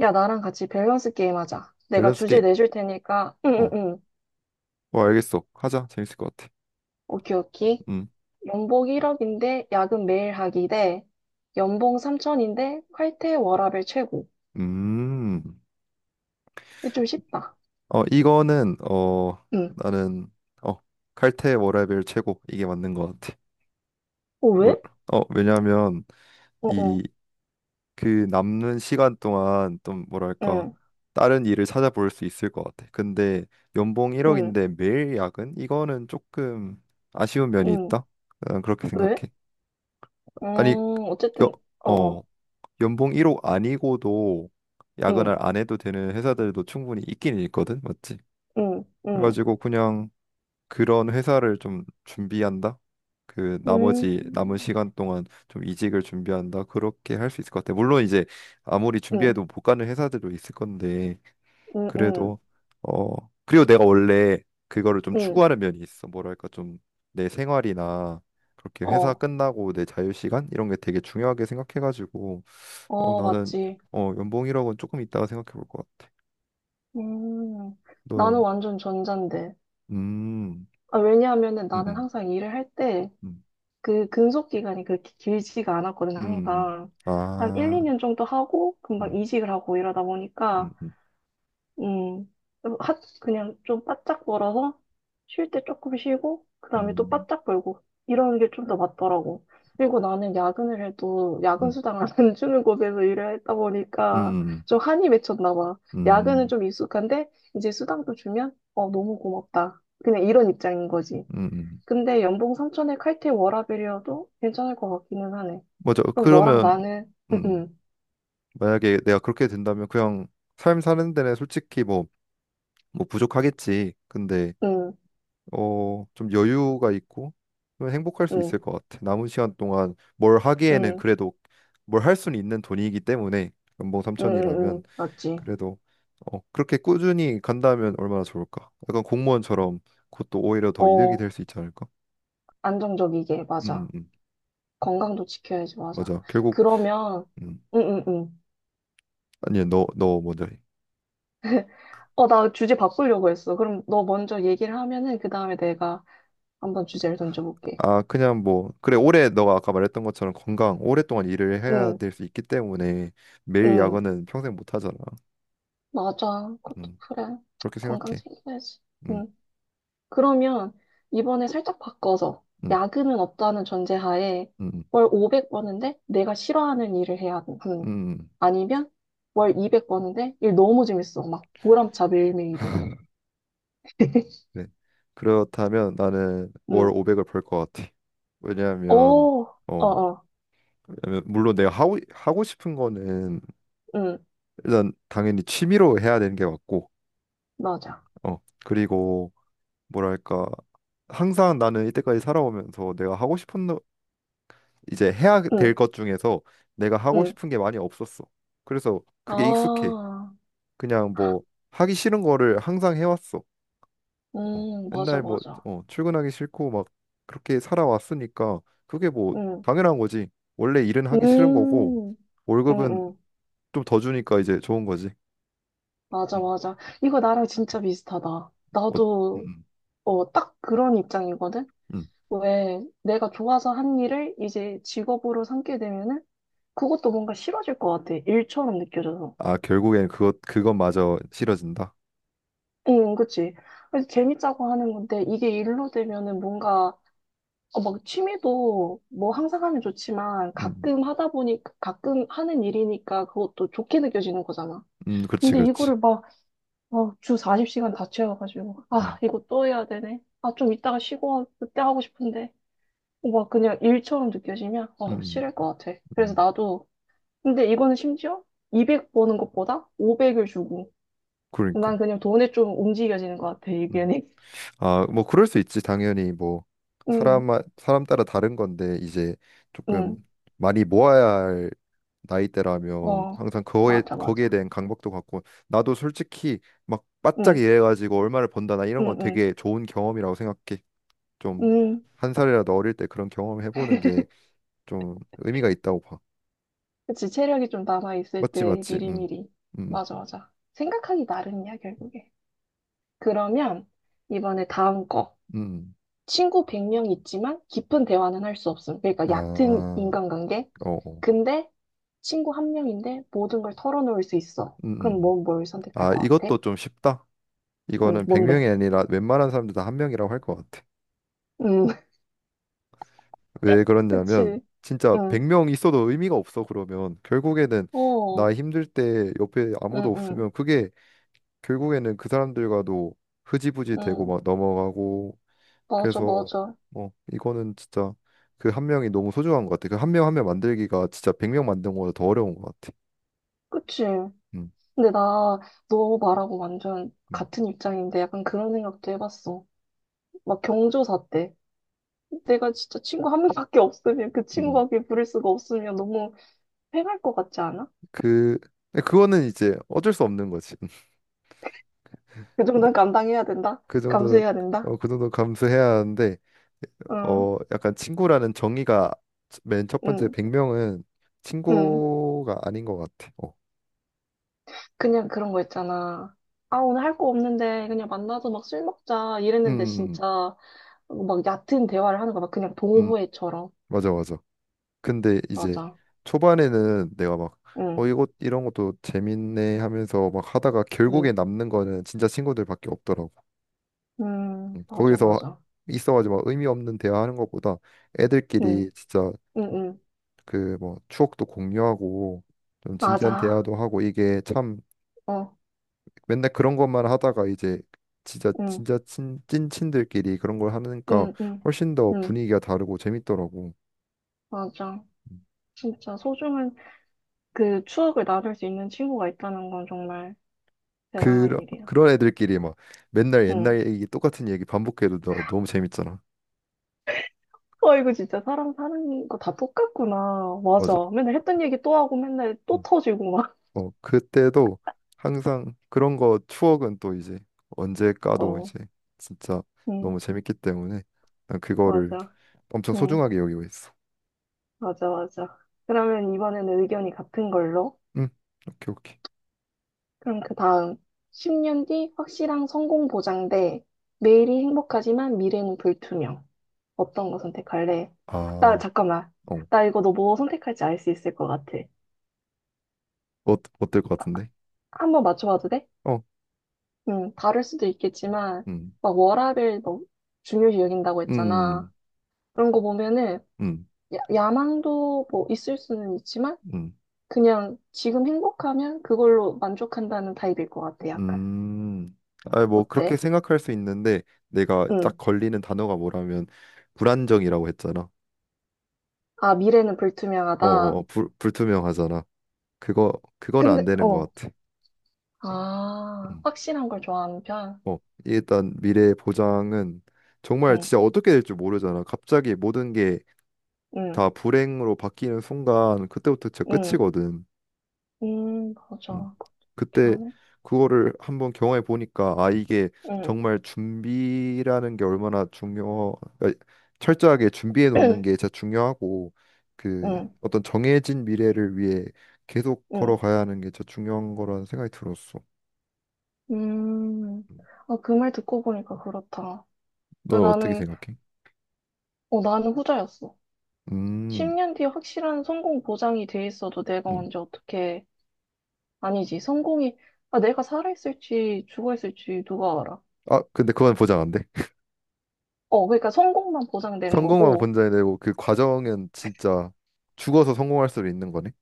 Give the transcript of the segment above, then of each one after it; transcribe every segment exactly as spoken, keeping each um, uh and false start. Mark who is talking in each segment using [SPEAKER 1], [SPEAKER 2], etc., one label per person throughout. [SPEAKER 1] 야, 나랑 같이 밸런스 게임 하자. 내가
[SPEAKER 2] 밸런스
[SPEAKER 1] 주제
[SPEAKER 2] 게임.
[SPEAKER 1] 내줄 테니까. 응, 응,
[SPEAKER 2] 어,
[SPEAKER 1] 응.
[SPEAKER 2] 어, 알겠어. 하자. 재밌을 것 같아.
[SPEAKER 1] 오케이, 오케이.
[SPEAKER 2] 음,
[SPEAKER 1] 연봉 일 억인데 야근 매일 하기 대 연봉 삼천인데 칼퇴 워라밸 최고.
[SPEAKER 2] 음.
[SPEAKER 1] 이게 좀 쉽다.
[SPEAKER 2] 어, 이거는 어
[SPEAKER 1] 응.
[SPEAKER 2] 나는 어 칼퇴 워라밸 최고 이게 맞는 것 같아.
[SPEAKER 1] 어,
[SPEAKER 2] 뭘-
[SPEAKER 1] 왜?
[SPEAKER 2] 어, 왜냐하면
[SPEAKER 1] 어,
[SPEAKER 2] 이
[SPEAKER 1] 어.
[SPEAKER 2] 그 남는 시간 동안 좀 뭐랄까
[SPEAKER 1] 응,
[SPEAKER 2] 다른 일을 찾아볼 수 있을 것 같아. 근데 연봉
[SPEAKER 1] 응,
[SPEAKER 2] 일억인데 매일 야근? 이거는 조금 아쉬운 면이
[SPEAKER 1] 응.
[SPEAKER 2] 있다. 난 그렇게
[SPEAKER 1] 왜?
[SPEAKER 2] 생각해. 아니,
[SPEAKER 1] 음,
[SPEAKER 2] 여,
[SPEAKER 1] 어쨌든, 어,
[SPEAKER 2] 어.
[SPEAKER 1] 어.
[SPEAKER 2] 연봉 일억 아니고도
[SPEAKER 1] 응,
[SPEAKER 2] 야근을 안 해도 되는 회사들도 충분히 있긴 있거든, 맞지?
[SPEAKER 1] 응, 응.
[SPEAKER 2] 그래가지고 그냥 그런 회사를 좀 준비한다. 그
[SPEAKER 1] 음,
[SPEAKER 2] 나머지 남은 시간 동안 좀 이직을 준비한다. 그렇게 할 수 있을 것 같아. 물론 이제 아무리
[SPEAKER 1] 응,
[SPEAKER 2] 준비해도 못 가는 회사들도 있을 건데
[SPEAKER 1] 응, 응,
[SPEAKER 2] 그래도 어 그리고 내가 원래 그거를 좀
[SPEAKER 1] 응.
[SPEAKER 2] 추구하는 면이 있어. 뭐랄까 좀 내 생활이나 그렇게 회사
[SPEAKER 1] 어,
[SPEAKER 2] 끝나고 내 자유 시간 이런 게 되게 중요하게 생각해가지고 어,
[SPEAKER 1] 어,
[SPEAKER 2] 나는
[SPEAKER 1] 맞지.
[SPEAKER 2] 어, 연봉이라고는 조금 이따가 생각해 볼 것 같아.
[SPEAKER 1] 음,
[SPEAKER 2] 넌?
[SPEAKER 1] 나는 완전 전자인데.
[SPEAKER 2] 음,
[SPEAKER 1] 아, 왜냐하면은
[SPEAKER 2] 음,
[SPEAKER 1] 나는
[SPEAKER 2] 음,
[SPEAKER 1] 항상 일을 할 때
[SPEAKER 2] 음,
[SPEAKER 1] 그 근속 기간이 그렇게 길지가 않았거든,
[SPEAKER 2] 음, 음.
[SPEAKER 1] 항상. 한 일,
[SPEAKER 2] 아,
[SPEAKER 1] 이 년 정도 하고 금방
[SPEAKER 2] 음,
[SPEAKER 1] 이직을 하고 이러다
[SPEAKER 2] 음,
[SPEAKER 1] 보니까,
[SPEAKER 2] 음,
[SPEAKER 1] 음, 하, 그냥 좀 바짝 벌어서 쉴 때 조금 쉬고, 그 다음에 또
[SPEAKER 2] 음,
[SPEAKER 1] 바짝 벌고, 이런 게 좀 더 맞더라고. 그리고 나는 야근을 해도 야근
[SPEAKER 2] 음,
[SPEAKER 1] 수당을 안 주는 곳에서 일을 했다
[SPEAKER 2] 음,
[SPEAKER 1] 보니까
[SPEAKER 2] 음,
[SPEAKER 1] 좀 한이 맺혔나 봐. 야근은
[SPEAKER 2] 음,
[SPEAKER 1] 좀 익숙한데, 이제 수당도 주면, 어, 너무 고맙다. 그냥 이런 입장인 거지.
[SPEAKER 2] 음. 음.
[SPEAKER 1] 근데 연봉 삼천에 칼퇴 워라밸이어도 괜찮을 것 같기는 하네.
[SPEAKER 2] 맞아.
[SPEAKER 1] 그럼 너랑
[SPEAKER 2] 그러면
[SPEAKER 1] 나는,
[SPEAKER 2] 음,
[SPEAKER 1] 응,
[SPEAKER 2] 만약에 내가 그렇게 된다면 그냥 삶 사는 데는 솔직히 뭐, 뭐 부족하겠지. 근데
[SPEAKER 1] 응, 응,
[SPEAKER 2] 어, 좀 여유가 있고 그러면 행복할 수
[SPEAKER 1] 응,
[SPEAKER 2] 있을 것 같아. 남은 시간 동안 뭘 하기에는
[SPEAKER 1] 응,
[SPEAKER 2] 그래도 뭘 할 수는 있는 돈이기 때문에 연봉 삼
[SPEAKER 1] 응,
[SPEAKER 2] 천이라
[SPEAKER 1] 응, 응,
[SPEAKER 2] 면
[SPEAKER 1] 맞지.
[SPEAKER 2] 그래도 어, 그렇게 꾸준히 간다면 얼마나 좋을까? 약간 공무원처럼 그것도 오히려 더 이득이
[SPEAKER 1] 어,
[SPEAKER 2] 될 수 있지 않을까?
[SPEAKER 1] 안정적이게,
[SPEAKER 2] 음, 음,
[SPEAKER 1] 맞아.
[SPEAKER 2] 음.
[SPEAKER 1] 건강도 지켜야지, 맞아.
[SPEAKER 2] 맞아. 결국
[SPEAKER 1] 그러면,
[SPEAKER 2] 음.
[SPEAKER 1] 응, 응, 응.
[SPEAKER 2] 아니, 너, 너 먼저 해.
[SPEAKER 1] 어, 나 주제 바꾸려고 했어. 그럼 너 먼저 얘기를 하면은, 그 다음에 내가 한번 주제를 던져볼게.
[SPEAKER 2] 아, 그냥 뭐 그래 올해 너가 아까 말했던 것처럼 건강 오랫동안 일을 해야
[SPEAKER 1] 응,
[SPEAKER 2] 될 수 있기 때문에 매일
[SPEAKER 1] 응,
[SPEAKER 2] 야근은 평생 못 하잖아.
[SPEAKER 1] 맞아. 그것도
[SPEAKER 2] 음.
[SPEAKER 1] 그래.
[SPEAKER 2] 그렇게
[SPEAKER 1] 건강
[SPEAKER 2] 생각해.
[SPEAKER 1] 챙겨야지.
[SPEAKER 2] 음.
[SPEAKER 1] 응. 그러면 이번에 살짝 바꿔서
[SPEAKER 2] 음.
[SPEAKER 1] 야근은 없다는 전제하에
[SPEAKER 2] 음,
[SPEAKER 1] 월 오백 버는데 내가 싫어하는 일을 해야 하는,
[SPEAKER 2] 음,
[SPEAKER 1] 아니면 월 이백 버는데 일 너무 재밌어 막 보람차 매일매일이.
[SPEAKER 2] 네. 그렇다면 나는 월
[SPEAKER 1] 음.
[SPEAKER 2] 오백을 벌 것 같아. 왜냐하면
[SPEAKER 1] 오,
[SPEAKER 2] 어,
[SPEAKER 1] 어어.
[SPEAKER 2] 왜냐면 물론 내가 하고 하고 싶은 거는
[SPEAKER 1] 음.
[SPEAKER 2] 일단 당연히 취미로 해야 되는 게 맞고,
[SPEAKER 1] 맞아.
[SPEAKER 2] 어, 그리고 뭐랄까 항상 나는 이때까지 살아오면서 내가 하고 싶은 노- 이제 해야
[SPEAKER 1] 음.
[SPEAKER 2] 될 것 중에서 내가 하고
[SPEAKER 1] 음.
[SPEAKER 2] 싶은 게 많이 없었어. 그래서 그게 익숙해.
[SPEAKER 1] 아,
[SPEAKER 2] 그냥 뭐 하기 싫은 거를 항상 해왔어. 어,
[SPEAKER 1] 음, 맞아,
[SPEAKER 2] 맨날 뭐
[SPEAKER 1] 맞아.
[SPEAKER 2] 어, 출근하기 싫고 막 그렇게 살아왔으니까 그게 뭐
[SPEAKER 1] 음,
[SPEAKER 2] 당연한 거지. 원래 일은
[SPEAKER 1] 음,
[SPEAKER 2] 하기 싫은 거고
[SPEAKER 1] 음,
[SPEAKER 2] 월급은
[SPEAKER 1] 음,
[SPEAKER 2] 좀 더 주니까 이제 좋은 거지.
[SPEAKER 1] 맞아,
[SPEAKER 2] 음.
[SPEAKER 1] 맞아. 이거 나랑 진짜 비슷하다.
[SPEAKER 2] 어,
[SPEAKER 1] 나도,
[SPEAKER 2] 음,
[SPEAKER 1] 어, 딱 그런 입장이거든?
[SPEAKER 2] 음. 음.
[SPEAKER 1] 왜 내가 좋아서 한 일을 이제 직업으로 삼게 되면은 그것도 뭔가 싫어질 것 같아. 일처럼 느껴져서.
[SPEAKER 2] 아, 결국엔 그것 그것마저 싫어진다.
[SPEAKER 1] 응, 그치. 그래서 재밌자고 하는 건데 이게 일로 되면은 뭔가, 어, 막 취미도 뭐 항상 하면 좋지만
[SPEAKER 2] 음.
[SPEAKER 1] 가끔 하다 보니 가끔 하는 일이니까 그것도 좋게 느껴지는 거잖아.
[SPEAKER 2] 음, 그렇지,
[SPEAKER 1] 근데
[SPEAKER 2] 그렇지.
[SPEAKER 1] 이거를 막, 어, 주 사십 시간 다 채워가지고, 아,
[SPEAKER 2] 음.
[SPEAKER 1] 이거 또 해야 되네. 아, 좀 이따가 쉬고, 그때 하고 싶은데. 어, 막 그냥 일처럼 느껴지면, 어,
[SPEAKER 2] 음.
[SPEAKER 1] 싫을 것 같아. 그래서
[SPEAKER 2] 음.
[SPEAKER 1] 나도. 근데 이거는 심지어 이백 버는 것보다 오백을 주고.
[SPEAKER 2] 그러니까.
[SPEAKER 1] 난 그냥 돈에 좀 움직여지는 것 같아,
[SPEAKER 2] 음.
[SPEAKER 1] 의견이.
[SPEAKER 2] 아, 뭐 그럴 수 있지. 당연히 뭐
[SPEAKER 1] 응,
[SPEAKER 2] 사람 사람 따라 다른 건데 이제 조금
[SPEAKER 1] 응,
[SPEAKER 2] 많이 모아야 할 나이대라면
[SPEAKER 1] 어,
[SPEAKER 2] 항상 그거에
[SPEAKER 1] 맞아,
[SPEAKER 2] 거기에
[SPEAKER 1] 맞아.
[SPEAKER 2] 대한 강박도 갖고 나도 솔직히 막 바짝
[SPEAKER 1] 응,
[SPEAKER 2] 일해가지고 얼마를 번다 나 이런
[SPEAKER 1] 응,
[SPEAKER 2] 건
[SPEAKER 1] 응,
[SPEAKER 2] 되게 좋은 경험이라고 생각해. 좀
[SPEAKER 1] 응.
[SPEAKER 2] 한 살이라도 어릴 때 그런 경험을 해보는 게 좀 의미가 있다고 봐.
[SPEAKER 1] 그치, 체력이 좀 남아있을
[SPEAKER 2] 맞지
[SPEAKER 1] 때
[SPEAKER 2] 맞지. 음.
[SPEAKER 1] 미리미리.
[SPEAKER 2] 음.
[SPEAKER 1] 맞아, 맞아. 생각하기 나름이야, 결국에. 그러면 이번에 다음 거.
[SPEAKER 2] 음.
[SPEAKER 1] 친구 백 명 있지만 깊은 대화는 할 수 없음, 그러니까
[SPEAKER 2] 아.
[SPEAKER 1] 얕은 인간관계.
[SPEAKER 2] 어. 어.
[SPEAKER 1] 근데 친구 한 명인데 모든 걸 털어놓을 수 있어.
[SPEAKER 2] 음.
[SPEAKER 1] 그럼 뭐
[SPEAKER 2] 음.
[SPEAKER 1] 뭘 선택할
[SPEAKER 2] 아,
[SPEAKER 1] 것 같아?
[SPEAKER 2] 이것도 좀 쉽다.
[SPEAKER 1] 응,
[SPEAKER 2] 이거는
[SPEAKER 1] 뭔데?
[SPEAKER 2] 백 명이 아니라 웬만한 사람들 다 한 명이라고 할 것 같아.
[SPEAKER 1] 응,
[SPEAKER 2] 왜 그러냐면
[SPEAKER 1] 그치.
[SPEAKER 2] 진짜
[SPEAKER 1] 응,
[SPEAKER 2] 백 명 있어도 의미가 없어. 그러면 결국에는
[SPEAKER 1] 어,
[SPEAKER 2] 나
[SPEAKER 1] 응,
[SPEAKER 2] 힘들 때 옆에 아무도
[SPEAKER 1] 응,
[SPEAKER 2] 없으면 그게 결국에는 그 사람들과도 흐지부지 되고
[SPEAKER 1] 응.
[SPEAKER 2] 막 넘어가고,
[SPEAKER 1] 맞아,
[SPEAKER 2] 그래서
[SPEAKER 1] 맞아.
[SPEAKER 2] 어 이거는 진짜 그 한 명이 너무 소중한 것 같아. 그 한 명 한 명 만들기가 진짜 백 명 만든 거보다 더 어려운 것 같아.
[SPEAKER 1] 그치.
[SPEAKER 2] 음,
[SPEAKER 1] 근데 나, 너 말하고 완전
[SPEAKER 2] 음,
[SPEAKER 1] 같은 입장인데 약간 그런 생각도 해봤어. 막 경조사 때. 내가 진짜 친구 한 명밖에 없으면, 그
[SPEAKER 2] 음.
[SPEAKER 1] 친구밖에 부를 수가 없으면 너무 패할 것 같지 않아?
[SPEAKER 2] 그 근데 그거는 이제 어쩔 수 없는 거지.
[SPEAKER 1] 그 정도는 감당해야 된다.
[SPEAKER 2] 그 정도는
[SPEAKER 1] 감수해야 된다.
[SPEAKER 2] 어, 그 정도 감수해야 하는데
[SPEAKER 1] 응,
[SPEAKER 2] 어, 약간 친구라는 정의가 맨 첫 번째
[SPEAKER 1] 응,
[SPEAKER 2] 백 명은
[SPEAKER 1] 응.
[SPEAKER 2] 친구가 아닌 것 같아. 어.
[SPEAKER 1] 그냥 그런 거 있잖아. 아, 오늘 할 거 없는데 그냥 만나서 막 술 먹자.
[SPEAKER 2] 음,
[SPEAKER 1] 이랬는데
[SPEAKER 2] 음,
[SPEAKER 1] 진짜. 어, 막 얕은 대화를 하는 거야. 막 그냥
[SPEAKER 2] 음, 음.
[SPEAKER 1] 동호회처럼.
[SPEAKER 2] 맞아, 맞아. 근데 이제
[SPEAKER 1] 맞아.
[SPEAKER 2] 초반에는 내가 막,
[SPEAKER 1] 응,
[SPEAKER 2] 어, 이거, 이런 것도 재밌네 하면서 막 하다가 결국에
[SPEAKER 1] 응,
[SPEAKER 2] 남는 거는 진짜 친구들밖에 없더라고.
[SPEAKER 1] 응,
[SPEAKER 2] 음,
[SPEAKER 1] 맞아,
[SPEAKER 2] 거기서
[SPEAKER 1] 맞아.
[SPEAKER 2] 있어가지고 막 의미 없는 대화하는 것보다
[SPEAKER 1] 응,
[SPEAKER 2] 애들끼리 진짜
[SPEAKER 1] 응, 응,
[SPEAKER 2] 그 뭐 추억도 공유하고 좀 진지한
[SPEAKER 1] 맞아.
[SPEAKER 2] 대화도 하고 이게 참
[SPEAKER 1] 어,
[SPEAKER 2] 맨날 그런 것만 하다가 이제 진짜
[SPEAKER 1] 응,
[SPEAKER 2] 진짜 친, 찐친들끼리 그런 걸 하니까
[SPEAKER 1] 응, 응,
[SPEAKER 2] 훨씬 더
[SPEAKER 1] 응,
[SPEAKER 2] 분위기가 다르고 재밌더라고.
[SPEAKER 1] 맞아. 진짜 소중한 그 추억을 나눌 수 있는 친구가 있다는 건 정말 대단한
[SPEAKER 2] 그런
[SPEAKER 1] 일이야.
[SPEAKER 2] 그런 애들끼리 막 맨날
[SPEAKER 1] 응.
[SPEAKER 2] 옛날 얘기 똑같은 얘기 반복해도 너, 너무 재밌잖아.
[SPEAKER 1] 와, 이거 진짜 사람 사는 거 다 똑같구나. 맞아.
[SPEAKER 2] 맞아.
[SPEAKER 1] 맨날 했던 얘기 또 하고 맨날 또
[SPEAKER 2] 음.
[SPEAKER 1] 터지고 막.
[SPEAKER 2] 어 그때도 항상 그런 거 추억은 또 이제 언제 까도
[SPEAKER 1] 어,
[SPEAKER 2] 이제 진짜
[SPEAKER 1] 응,
[SPEAKER 2] 너무 재밌기 때문에 난 그거를
[SPEAKER 1] 맞아.
[SPEAKER 2] 엄청
[SPEAKER 1] 응,
[SPEAKER 2] 소중하게 여기고 있어.
[SPEAKER 1] 맞아, 맞아. 그러면 이번에는 의견이 같은 걸로.
[SPEAKER 2] 응. 오케이 오케이.
[SPEAKER 1] 그럼 그 다음, 십 년 뒤 확실한 성공 보장 대 매일이 행복하지만 미래는 불투명. 어떤 거 선택할래?
[SPEAKER 2] 아,
[SPEAKER 1] 나,
[SPEAKER 2] 어.
[SPEAKER 1] 잠깐만. 나 이거 너 뭐 선택할지 알 수 있을 것 같아.
[SPEAKER 2] 어 어떨 것 같은데?
[SPEAKER 1] 한번 맞춰봐도 돼?
[SPEAKER 2] 어.
[SPEAKER 1] 응, 다를 수도 있겠지만,
[SPEAKER 2] 음.
[SPEAKER 1] 막 워라밸 너 중요시 여긴다고 했잖아.
[SPEAKER 2] 음.
[SPEAKER 1] 그런 거 보면은,
[SPEAKER 2] 음,
[SPEAKER 1] 야, 야망도 뭐 있을 수는 있지만,
[SPEAKER 2] 음,
[SPEAKER 1] 그냥 지금 행복하면 그걸로 만족한다는 타입일 것 같아, 약간.
[SPEAKER 2] 음. 아, 뭐 그렇게
[SPEAKER 1] 어때?
[SPEAKER 2] 생각할 수 있는데 내가 딱
[SPEAKER 1] 응.
[SPEAKER 2] 걸리는 단어가 뭐라면 불안정이라고 했잖아.
[SPEAKER 1] 아, 미래는
[SPEAKER 2] 어, 어,
[SPEAKER 1] 불투명하다.
[SPEAKER 2] 어, 불, 불투명하잖아. 그거 그거는 안
[SPEAKER 1] 근데,
[SPEAKER 2] 되는
[SPEAKER 1] 어,
[SPEAKER 2] 것 같아.
[SPEAKER 1] 아,
[SPEAKER 2] 음.
[SPEAKER 1] 확실한 걸 좋아하는 편?
[SPEAKER 2] 어, 일단 미래 보장은 정말
[SPEAKER 1] 응,
[SPEAKER 2] 진짜 어떻게 될지 모르잖아. 갑자기 모든 게
[SPEAKER 1] 응,
[SPEAKER 2] 다 불행으로 바뀌는 순간 그때부터 진짜
[SPEAKER 1] 응,
[SPEAKER 2] 끝이거든.
[SPEAKER 1] 응,
[SPEAKER 2] 음,
[SPEAKER 1] 맞아. 그렇긴
[SPEAKER 2] 그때
[SPEAKER 1] 하네.
[SPEAKER 2] 그거를 한번 경험해 보니까 아 이게
[SPEAKER 1] 응,
[SPEAKER 2] 정말 준비라는 게 얼마나 중요 그러니까 철저하게 준비해 놓는 게 진짜 중요하고 그
[SPEAKER 1] 응,
[SPEAKER 2] 어떤 정해진 미래를 위해 계속
[SPEAKER 1] 응,
[SPEAKER 2] 걸어가야 하는 게 진짜 중요한 거라는 생각이 들었어.
[SPEAKER 1] 음. 아, 그 말 듣고 보니까 그렇다. 아,
[SPEAKER 2] 너 어떻게
[SPEAKER 1] 나는,
[SPEAKER 2] 생각해?
[SPEAKER 1] 어, 나는 후자였어.
[SPEAKER 2] 음,
[SPEAKER 1] 십 년 뒤에 확실한 성공 보장이 돼 있어도 내가
[SPEAKER 2] 음.
[SPEAKER 1] 언제 어떻게, 아니지, 성공이, 아, 내가 살아있을지 죽어있을지 누가 알아.
[SPEAKER 2] 아 근데 그건 보장 안 돼.
[SPEAKER 1] 어, 그러니까 성공만 보장되는
[SPEAKER 2] 성공만
[SPEAKER 1] 거고,
[SPEAKER 2] 보장이 되고 그 과정은 진짜 죽어서 성공할 수도 있는 거네.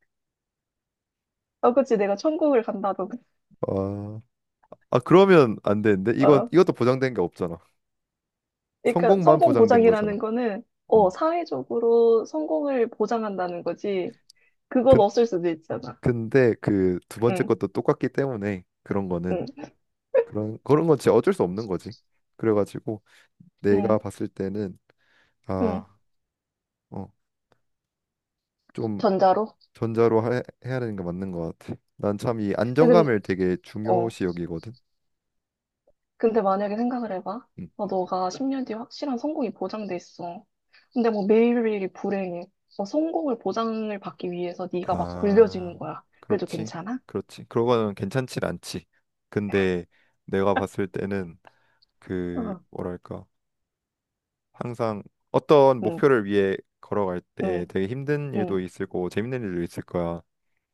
[SPEAKER 1] 아, 그치, 내가 천국을 간다던가.
[SPEAKER 2] 아, 아 그러면 안 되는데 이건 이것도 보장된 게 없잖아.
[SPEAKER 1] 그러니까
[SPEAKER 2] 성공만
[SPEAKER 1] 성공
[SPEAKER 2] 보장된 거잖아.
[SPEAKER 1] 보장이라는 거는 어,
[SPEAKER 2] 음.
[SPEAKER 1] 사회적으로 성공을 보장한다는 거지. 그건
[SPEAKER 2] 그,
[SPEAKER 1] 없을 수도 있잖아.
[SPEAKER 2] 근데 그 두 번째
[SPEAKER 1] 응,
[SPEAKER 2] 것도 똑같기 때문에 그런 거는
[SPEAKER 1] 응,
[SPEAKER 2] 그런 그런 건 진짜 어쩔 수 없는 거지. 그래가지고 내가
[SPEAKER 1] 응,
[SPEAKER 2] 봤을 때는
[SPEAKER 1] 응.
[SPEAKER 2] 아, 어, 좀
[SPEAKER 1] 전자로?
[SPEAKER 2] 전자로 하, 해야 되는 게 맞는 것 같아. 난 참 이
[SPEAKER 1] 근데,
[SPEAKER 2] 안정감을 되게
[SPEAKER 1] 어,
[SPEAKER 2] 중요시 여기거든.
[SPEAKER 1] 근데 만약에 생각을 해봐.
[SPEAKER 2] 음.
[SPEAKER 1] 어, 너가 십 년 뒤에 확실한 성공이 보장돼 있어. 근데 뭐 매일매일이 불행해. 어, 성공을 보장을 받기 위해서 네가 막
[SPEAKER 2] 아,
[SPEAKER 1] 굴려지는 거야. 그래도
[SPEAKER 2] 그렇지,
[SPEAKER 1] 괜찮아?
[SPEAKER 2] 그렇지. 그런 거는 괜찮진 않지. 근데 내가 봤을 때는 그
[SPEAKER 1] 어,
[SPEAKER 2] 뭐랄까 항상 어떤
[SPEAKER 1] 응,
[SPEAKER 2] 목표를 위해 걸어갈 때
[SPEAKER 1] 응,
[SPEAKER 2] 되게 힘든
[SPEAKER 1] 응.
[SPEAKER 2] 일도 있을 거고 재밌는 일도 있을 거야.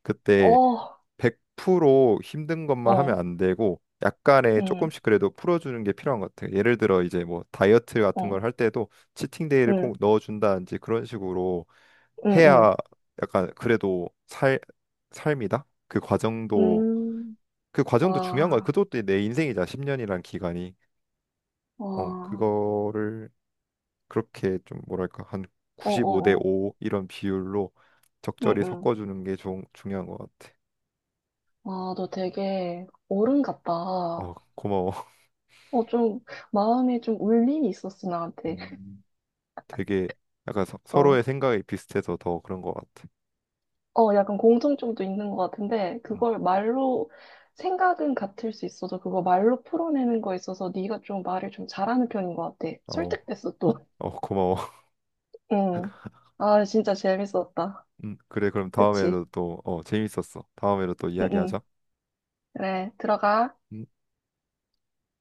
[SPEAKER 2] 그때
[SPEAKER 1] 어,
[SPEAKER 2] 백 프로 힘든 것만 하면
[SPEAKER 1] 어,
[SPEAKER 2] 안 되고 약간의
[SPEAKER 1] 응,
[SPEAKER 2] 조금씩 그래도 풀어주는 게 필요한 것 같아. 예를 들어 이제 뭐 다이어트 같은 걸
[SPEAKER 1] 어,
[SPEAKER 2] 할 때도 치팅 데이를
[SPEAKER 1] 응,
[SPEAKER 2] 꼭 넣어준다든지 그런 식으로
[SPEAKER 1] 응, 응.
[SPEAKER 2] 해야 약간 그래도 살 삶이다. 그
[SPEAKER 1] 응.
[SPEAKER 2] 과정도
[SPEAKER 1] 음,
[SPEAKER 2] 그 과정도 중요한 거야.
[SPEAKER 1] 와.
[SPEAKER 2] 그것도 내 인생이자 십 년이란 기간이. 어,
[SPEAKER 1] 와,
[SPEAKER 2] 그거를 그렇게 좀 뭐랄까 한 구십오 대
[SPEAKER 1] 어어어,
[SPEAKER 2] 오 이런 비율로 적절히
[SPEAKER 1] 응응.
[SPEAKER 2] 섞어주는 게 좀 중요한 것 같아.
[SPEAKER 1] 아, 너 되게 어른
[SPEAKER 2] 어,
[SPEAKER 1] 같다.
[SPEAKER 2] 고마워.
[SPEAKER 1] 어, 좀, 마음에 좀 울림이 있었어, 나한테.
[SPEAKER 2] 음, 되게 약간 서, 서로의
[SPEAKER 1] 어,
[SPEAKER 2] 생각이 비슷해서 더 그런 것 같아.
[SPEAKER 1] 어, 약간 공통점도 있는 것 같은데,
[SPEAKER 2] 음,
[SPEAKER 1] 그걸 말로, 생각은 같을 수 있어도, 그거 말로 풀어내는 거에 있어서 네가 좀 말을 좀 잘하는 편인 것 같아.
[SPEAKER 2] 어,
[SPEAKER 1] 설득됐어, 또.
[SPEAKER 2] 어, 고마워.
[SPEAKER 1] 응. 아, 진짜 재밌었다.
[SPEAKER 2] 음, 그래, 그럼
[SPEAKER 1] 그치?
[SPEAKER 2] 다음에도 또, 어, 재밌었어. 다음에도 또
[SPEAKER 1] 응응.
[SPEAKER 2] 이야기하자.
[SPEAKER 1] 그래, 들어가.
[SPEAKER 2] 음.